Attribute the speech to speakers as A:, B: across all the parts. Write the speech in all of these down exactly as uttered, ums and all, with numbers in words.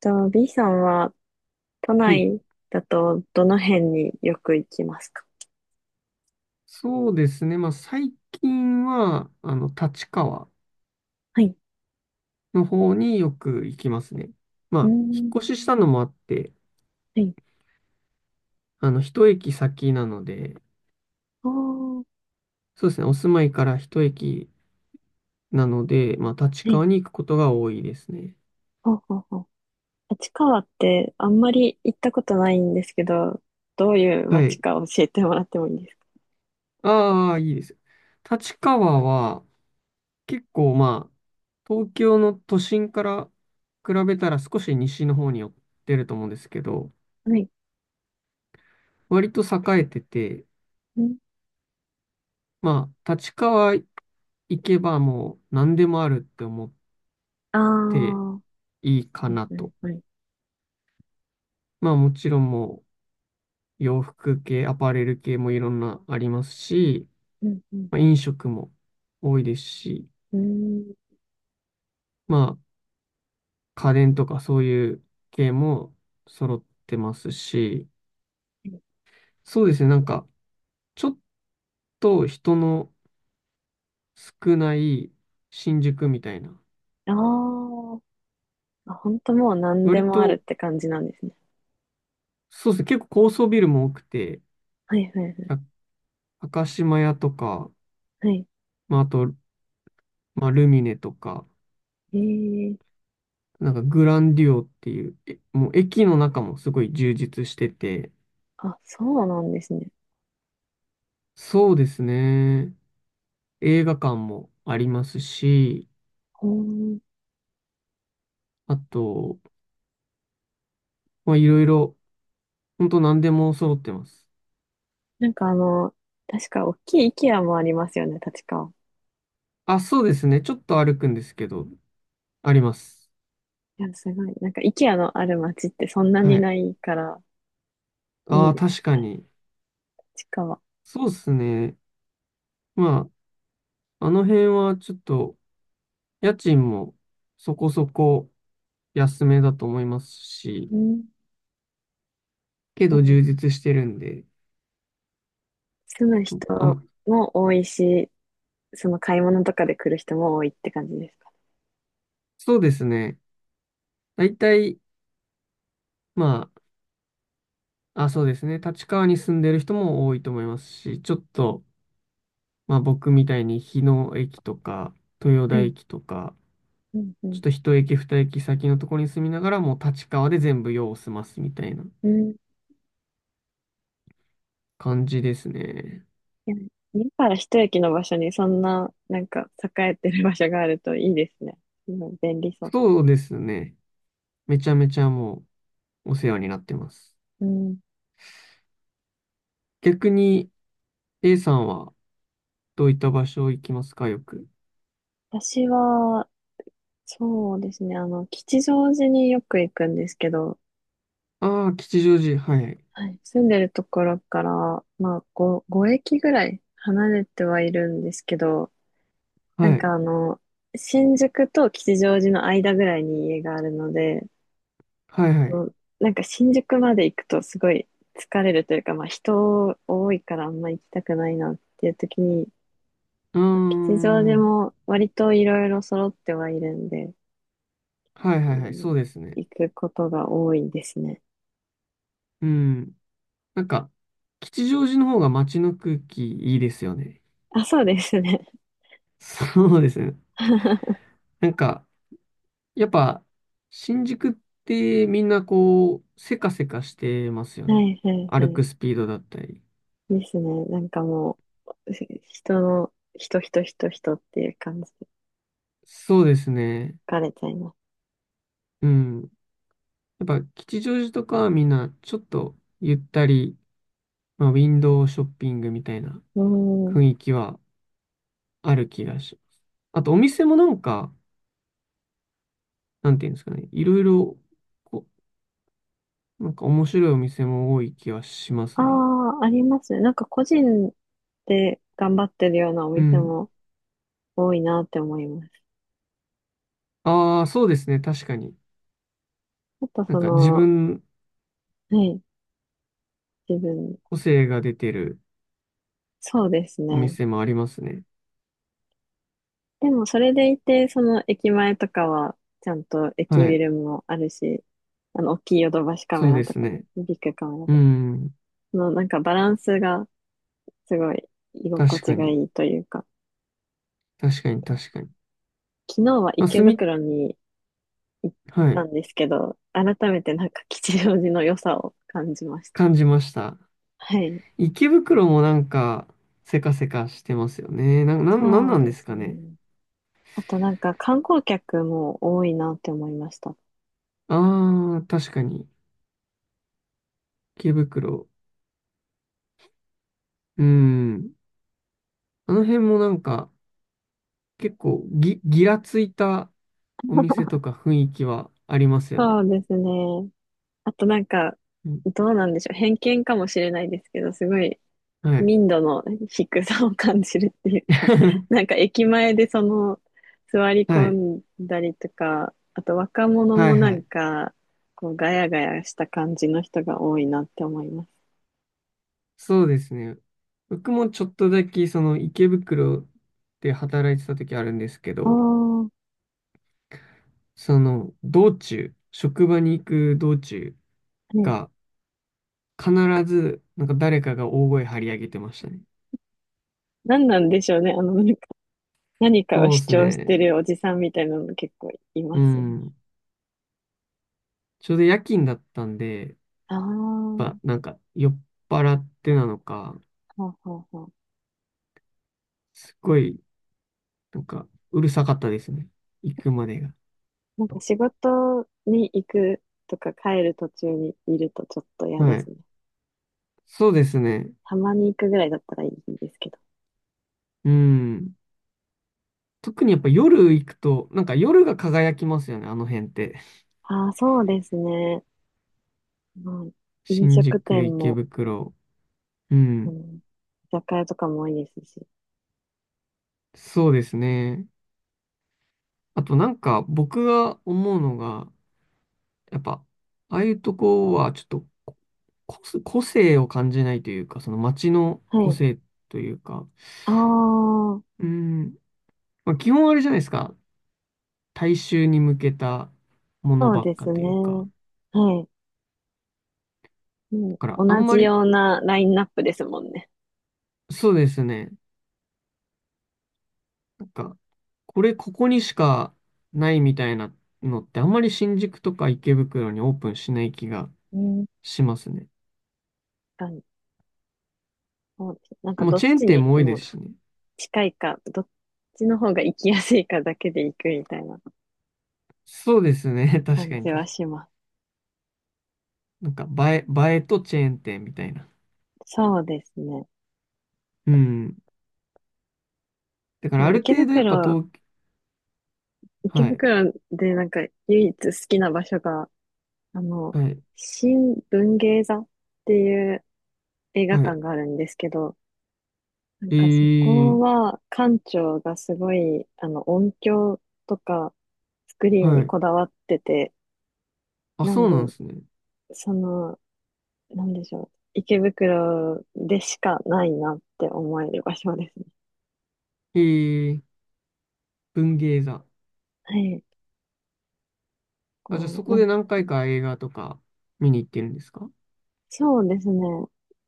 A: と、B さんは都
B: はい。
A: 内だとどの辺によく行きますか？
B: そうですね。まあ、最近は、あの、立川
A: はい。
B: の方によく行きますね。まあ、
A: うー
B: 引っ
A: ん。
B: 越ししたのもあって、
A: はい。
B: あの、一駅先なので、
A: ああ、は
B: そうですね。お住まいから一駅なので、まあ、立
A: い。
B: 川に行くことが多いですね。
A: ほうほうほう。立川ってあんまり行ったことないんですけど、どういう
B: は
A: 街
B: い。
A: か教えてもらってもいいですか？
B: ああ、いいです。立川は、結構まあ、東京の都心から比べたら少し西の方に寄ってると思うんですけど、
A: はい。
B: 割と栄えてて、
A: うん。
B: まあ、立川行けばもう何でもあるって思っ
A: ああ、
B: て
A: は
B: いいか
A: い
B: な
A: はい
B: と。
A: はい。
B: まあもちろんもう洋服系、アパレル系もいろんなありますし、
A: うんうん。
B: まあ、飲食も多いですし、
A: うーん。
B: まあ家電とかそういう系も揃ってますし、そうですね、なんかちょっと人の少ない新宿みたいな、
A: ああ、本当もう何で
B: 割
A: もあるっ
B: と
A: て感じなんですね。
B: そうですね、結構高層ビルも多くて、
A: はいはいはい。
B: 赤高島屋とか、
A: はい。
B: まああと、まあ、ルミネとか、
A: ええ、
B: なんかグランデュオっていう、えもう駅の中もすごい充実してて、
A: あ、そうなんですね。
B: そうですね。映画館もありますし、
A: ほー、
B: あと、まあいろいろ、ほんと何でも揃ってます。
A: なんかあの、確か大きい IKEA もありますよね、立川。
B: あ、そうですね。ちょっと歩くんですけど、あります。
A: いや、すごい。なんか IKEA のある街ってそんな
B: は
A: に
B: い。
A: ないから、い
B: あ
A: い
B: あ、
A: で
B: 確
A: す、
B: かに。
A: 立川。
B: そうですね。まあ、あの辺はちょっと、家賃もそこそこ安めだと思いますし、
A: うん。で
B: けど充
A: も
B: 実してるんで、
A: 住む人
B: あ、
A: も多いし、その買い物とかで来る人も多いって感じですか
B: そうですね。だいたいまあ、あ、そうですね。立川に住んでる人も多いと思いますし、ちょっと、まあ僕みたいに日野駅とか、豊
A: ね。
B: 田
A: はい。
B: 駅とか、
A: うん、う
B: ちょっ
A: ん。
B: と一駅二駅先のところに住みながら、もう立川で全部用を済ますみたいな
A: うん。い
B: 感じですね。
A: や、家から一駅の場所にそんな、なんか栄えてる場所があるといいですね。うん、便利そう。
B: そうですね。めちゃめちゃもうお世話になってます。
A: うん。
B: 逆に A さんはどういった場所行きますか、よく。
A: 私は、そうですね、あの、吉祥寺によく行くんですけど、
B: ああ、吉祥寺。はい。
A: はい、住んでるところから、まあ、ご、ご駅ぐらい離れてはいるんですけど、なん
B: はい。
A: かあの、新宿と吉祥寺の間ぐらいに家があるので、
B: はいはい。
A: もうなんか新宿まで行くとすごい疲れるというか、まあ人多いからあんま行きたくないなっていう時に、
B: うー
A: まあ吉祥寺
B: ん。
A: も割といろいろ揃ってはいるんで、
B: はい
A: う
B: はいはい。
A: ん、
B: そうですね。
A: 行くことが多いですね。
B: うん。なんか、吉祥寺の方が街の空気いいですよね。
A: あ、そうですね。
B: そうですね。
A: は
B: なんか、やっぱ、新宿ってみんなこう、せかせかしてますよ
A: い
B: ね。
A: はいは
B: 歩
A: い。
B: くスピードだったり。
A: ですね。なんかもう、ひ人の、人、人、人、人っていう感じで
B: そうですね。
A: 疲れちゃいます。
B: うん。やっぱ、吉祥寺とかはみんなちょっとゆったり、まあ、ウィンドウショッピングみたいな
A: うん。
B: 雰囲気はある気がします。あと、お店もなんか、なんていうんですかね。いろいろ、こう、なんか面白いお店も多い気はしま
A: あ
B: すね。
A: あ、ありますね。なんか個人で頑張ってるようなお
B: う
A: 店
B: ん。
A: も多いなって思います。
B: ああ、そうですね。確かに。
A: あと
B: なん
A: そ
B: か自
A: の、
B: 分、
A: はい、自分、
B: 個性が出てる
A: そうです
B: お
A: ね。
B: 店もありますね。
A: でもそれでいて、その駅前とかは、ちゃんと駅
B: は
A: ビ
B: い。
A: ルもあるし、あの、大きいヨドバシカ
B: そ
A: メ
B: う
A: ラ
B: で
A: と
B: す
A: か、
B: ね。
A: ビッグカメラと
B: う
A: か、
B: ん。
A: のなんかバランスがすごい居心
B: 確か
A: 地が
B: に。
A: いいというか、
B: 確かに、確かに。
A: 昨日は
B: まあ、
A: 池
B: すみ、
A: 袋に行っ
B: は
A: た
B: い。
A: んですけど、改めてなんか吉祥寺の良さを感じました。
B: 感じました。
A: はい。
B: 池袋もなんか、せかせかしてますよね。な、な、なん
A: そう
B: なんで
A: で
B: す
A: す
B: か
A: ね。
B: ね。
A: あとなんか観光客も多いなって思いました。
B: ああ、確かに。池袋。うん。あの辺もなんか、結構ぎ、ぎらついたお店とか雰囲気はありますよ
A: そ
B: ね。
A: うですね。あとなんか、
B: うん
A: どうなんでしょう。偏見かもしれないですけど、すごい
B: はい。
A: 民度の低さを感じるっていうか、なんか駅前でその座り
B: はい。
A: 込んだりとか、あと若者
B: は
A: も
B: い
A: な
B: は
A: ん
B: い。
A: か、こうガヤガヤした感じの人が多いなって思います。
B: そうですね。僕もちょっとだけ、その池袋で働いてた時あるんですけ
A: あ
B: ど、
A: あ、
B: その道中、職場に行く道中
A: ね。
B: が必ずなんか誰かが大声張り上げてましたね。
A: 何なんでしょうね。あの、なんか何かを
B: そう
A: 主
B: です
A: 張して
B: ね。
A: るおじさんみたいなの結構い
B: う
A: ますよね。
B: ん。ちょうど夜勤だったんで、
A: ああ、
B: やっぱなんか酔っ払ってなのか、
A: ほうほうほう。
B: すごいなんかうるさかったですね。行くまでが。
A: なんか仕事に行くとか帰る途中にいるとちょっと嫌で
B: は
A: す
B: い。
A: ね。
B: そうですね。
A: たまに行くぐらいだったらいいんですけど。
B: うん。特にやっぱ夜行くと、なんか夜が輝きますよね、あの辺って。
A: ああ、そうですね。まあ、飲
B: 新宿、
A: 食店
B: 池
A: も、
B: 袋。う
A: うん、
B: ん。
A: 居酒屋とかも多いですし。
B: そうですね。あとなんか僕が思うのが、やっぱ、ああいうとこはちょっとこ個性個性を感じないというか、その街の
A: は
B: 個
A: い。
B: 性というか、
A: ああ、
B: うん。まあ、基本あれじゃないですか。大衆に向けたもの
A: そう
B: ばっ
A: で
B: か
A: す
B: と
A: ね。
B: いうか。
A: はい。
B: だ
A: も
B: から
A: う
B: あ
A: 同
B: んま
A: じ
B: り、
A: ようなラインナップですもんね。
B: そうですね。なんか、これここにしかないみたいなのってあんまり新宿とか池袋にオープンしない気が
A: うん。
B: しますね。
A: 確かに。そうです。なんか
B: もう
A: どっ
B: チェーン
A: ち
B: 店
A: に
B: も多い
A: も
B: で
A: う
B: すしね。
A: 近いか、どっちの方が行きやすいかだけで行くみたいな
B: そうですね。確
A: 感
B: かに
A: じ
B: 確か
A: は
B: に。
A: します。
B: なんか映え、映えとチェーン店みたいな。
A: そうですね。
B: うん。だか
A: で
B: ら
A: も
B: ある
A: 池
B: 程度やっぱ
A: 袋、
B: 東、
A: 池
B: はい、
A: 袋でなんか唯一好きな場所が、あの、
B: はい、
A: 新文芸座っていう映画
B: は
A: 館
B: い。
A: があるんですけど、なん
B: え
A: かそ
B: ー、
A: こは館長がすごい、あの、音響とかスクリーン
B: は
A: に
B: い。
A: こだわってて、
B: あ、
A: なん
B: そう
A: で、
B: なんですね。
A: その、なんでしょう、池袋でしかないなって思える場所ですね。
B: えー、文芸座。
A: はい。
B: あ、じゃあ
A: こ
B: そ
A: う、な
B: こ
A: ん
B: で何回か映画とか見に行ってるんですか？
A: そうですね。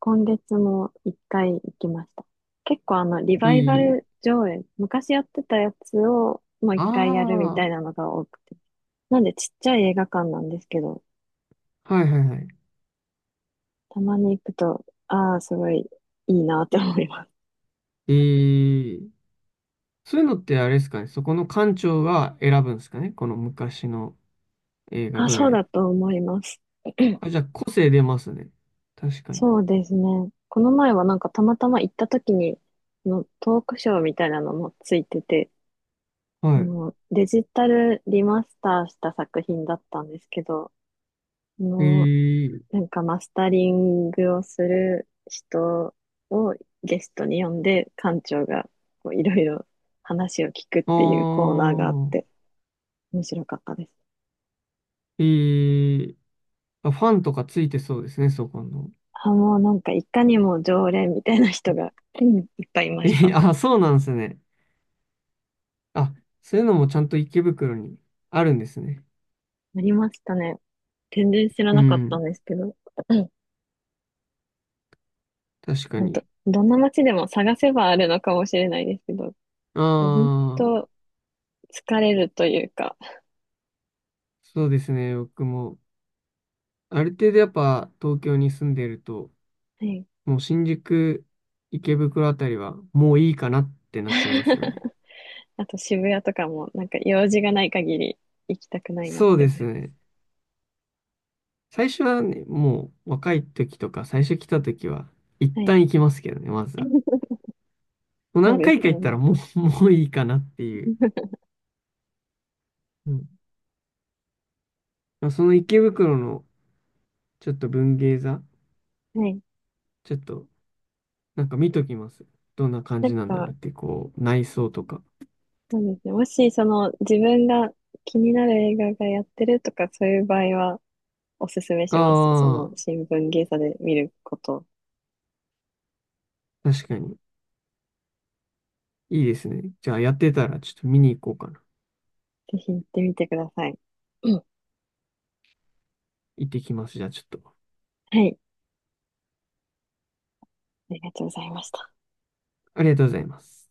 A: 今月も一回行きました。結構あの、リ
B: え
A: バイバ
B: ー、
A: ル上映、昔やってたやつをもう一回やるみた
B: あ
A: いなのが多くて。なんでちっちゃい映画館なんですけど、
B: あ、はいはいはい。
A: たまに行くと、ああ、すごいいいなって思います。
B: えー、そういうのってあれですかね、そこの館長が選ぶんですかね、この昔の映画
A: あ、
B: ど
A: そう
B: れ。
A: だと思います。
B: あ、じゃあ個性出ますね。確かに。
A: そうですね。この前はなんかたまたま行った時に、のトークショーみたいなのもついてて、
B: はい。
A: もうデジタルリマスターした作品だったんですけど、あ
B: え
A: の
B: ー、
A: なんかマスタリングをする人をゲストに呼んで、館長がこういろいろ話を聞くっ
B: あ
A: ていうコーナーがあっ
B: ー、
A: て、面白かったです。
B: えー、あ、ファンとかついてそうですね、そこの。
A: あ、もうなんかいかにも常連みたいな人がうんいっぱいいま
B: え
A: した。あ
B: ー、あ、そうなんですね。あ、そういうのもちゃんと池袋にあるんですね。
A: りましたね。全然知ら
B: う
A: なかったん
B: ん、
A: ですけど、うん、
B: 確か
A: なんと、
B: に。
A: どんな街でも探せばあるのかもしれないですけど、でも本
B: ああ。
A: 当疲れるというか、
B: そうですね、僕も。ある程度やっぱ東京に住んでると、
A: はい。
B: もう新宿、池袋あたりはもういいかなってなっちゃいますよね。
A: あと渋谷とかも、なんか用事がない限り行きたくないなっ
B: そう
A: て
B: で
A: 思い
B: す
A: ます。
B: ね。最初はね、もう若い時とか最初来た時は一
A: はい。
B: 旦行きますけどね、まずは。もう
A: そう
B: 何
A: で
B: 回
A: す
B: か行
A: よ
B: ったら
A: ね。
B: もう、もういいかなっていう。うん。まあその池袋のちょっと文芸座、
A: はい。
B: ちょっとなんか見ときます。どんな感
A: なん
B: じなんだろう
A: か、
B: って、こう、内装とか。
A: そうですね。もし、その、自分が気になる映画がやってるとか、そういう場合は、おすすめします。そ
B: あ
A: の、新聞芸座で見ること、
B: あ、確かに。いいですね。じゃあやってたらちょっと見に行こうかな。
A: ぜひ行ってみてください。うん、
B: 行ってきます。じゃあちょっと。
A: はい。ありがとうございました。
B: ありがとうございます。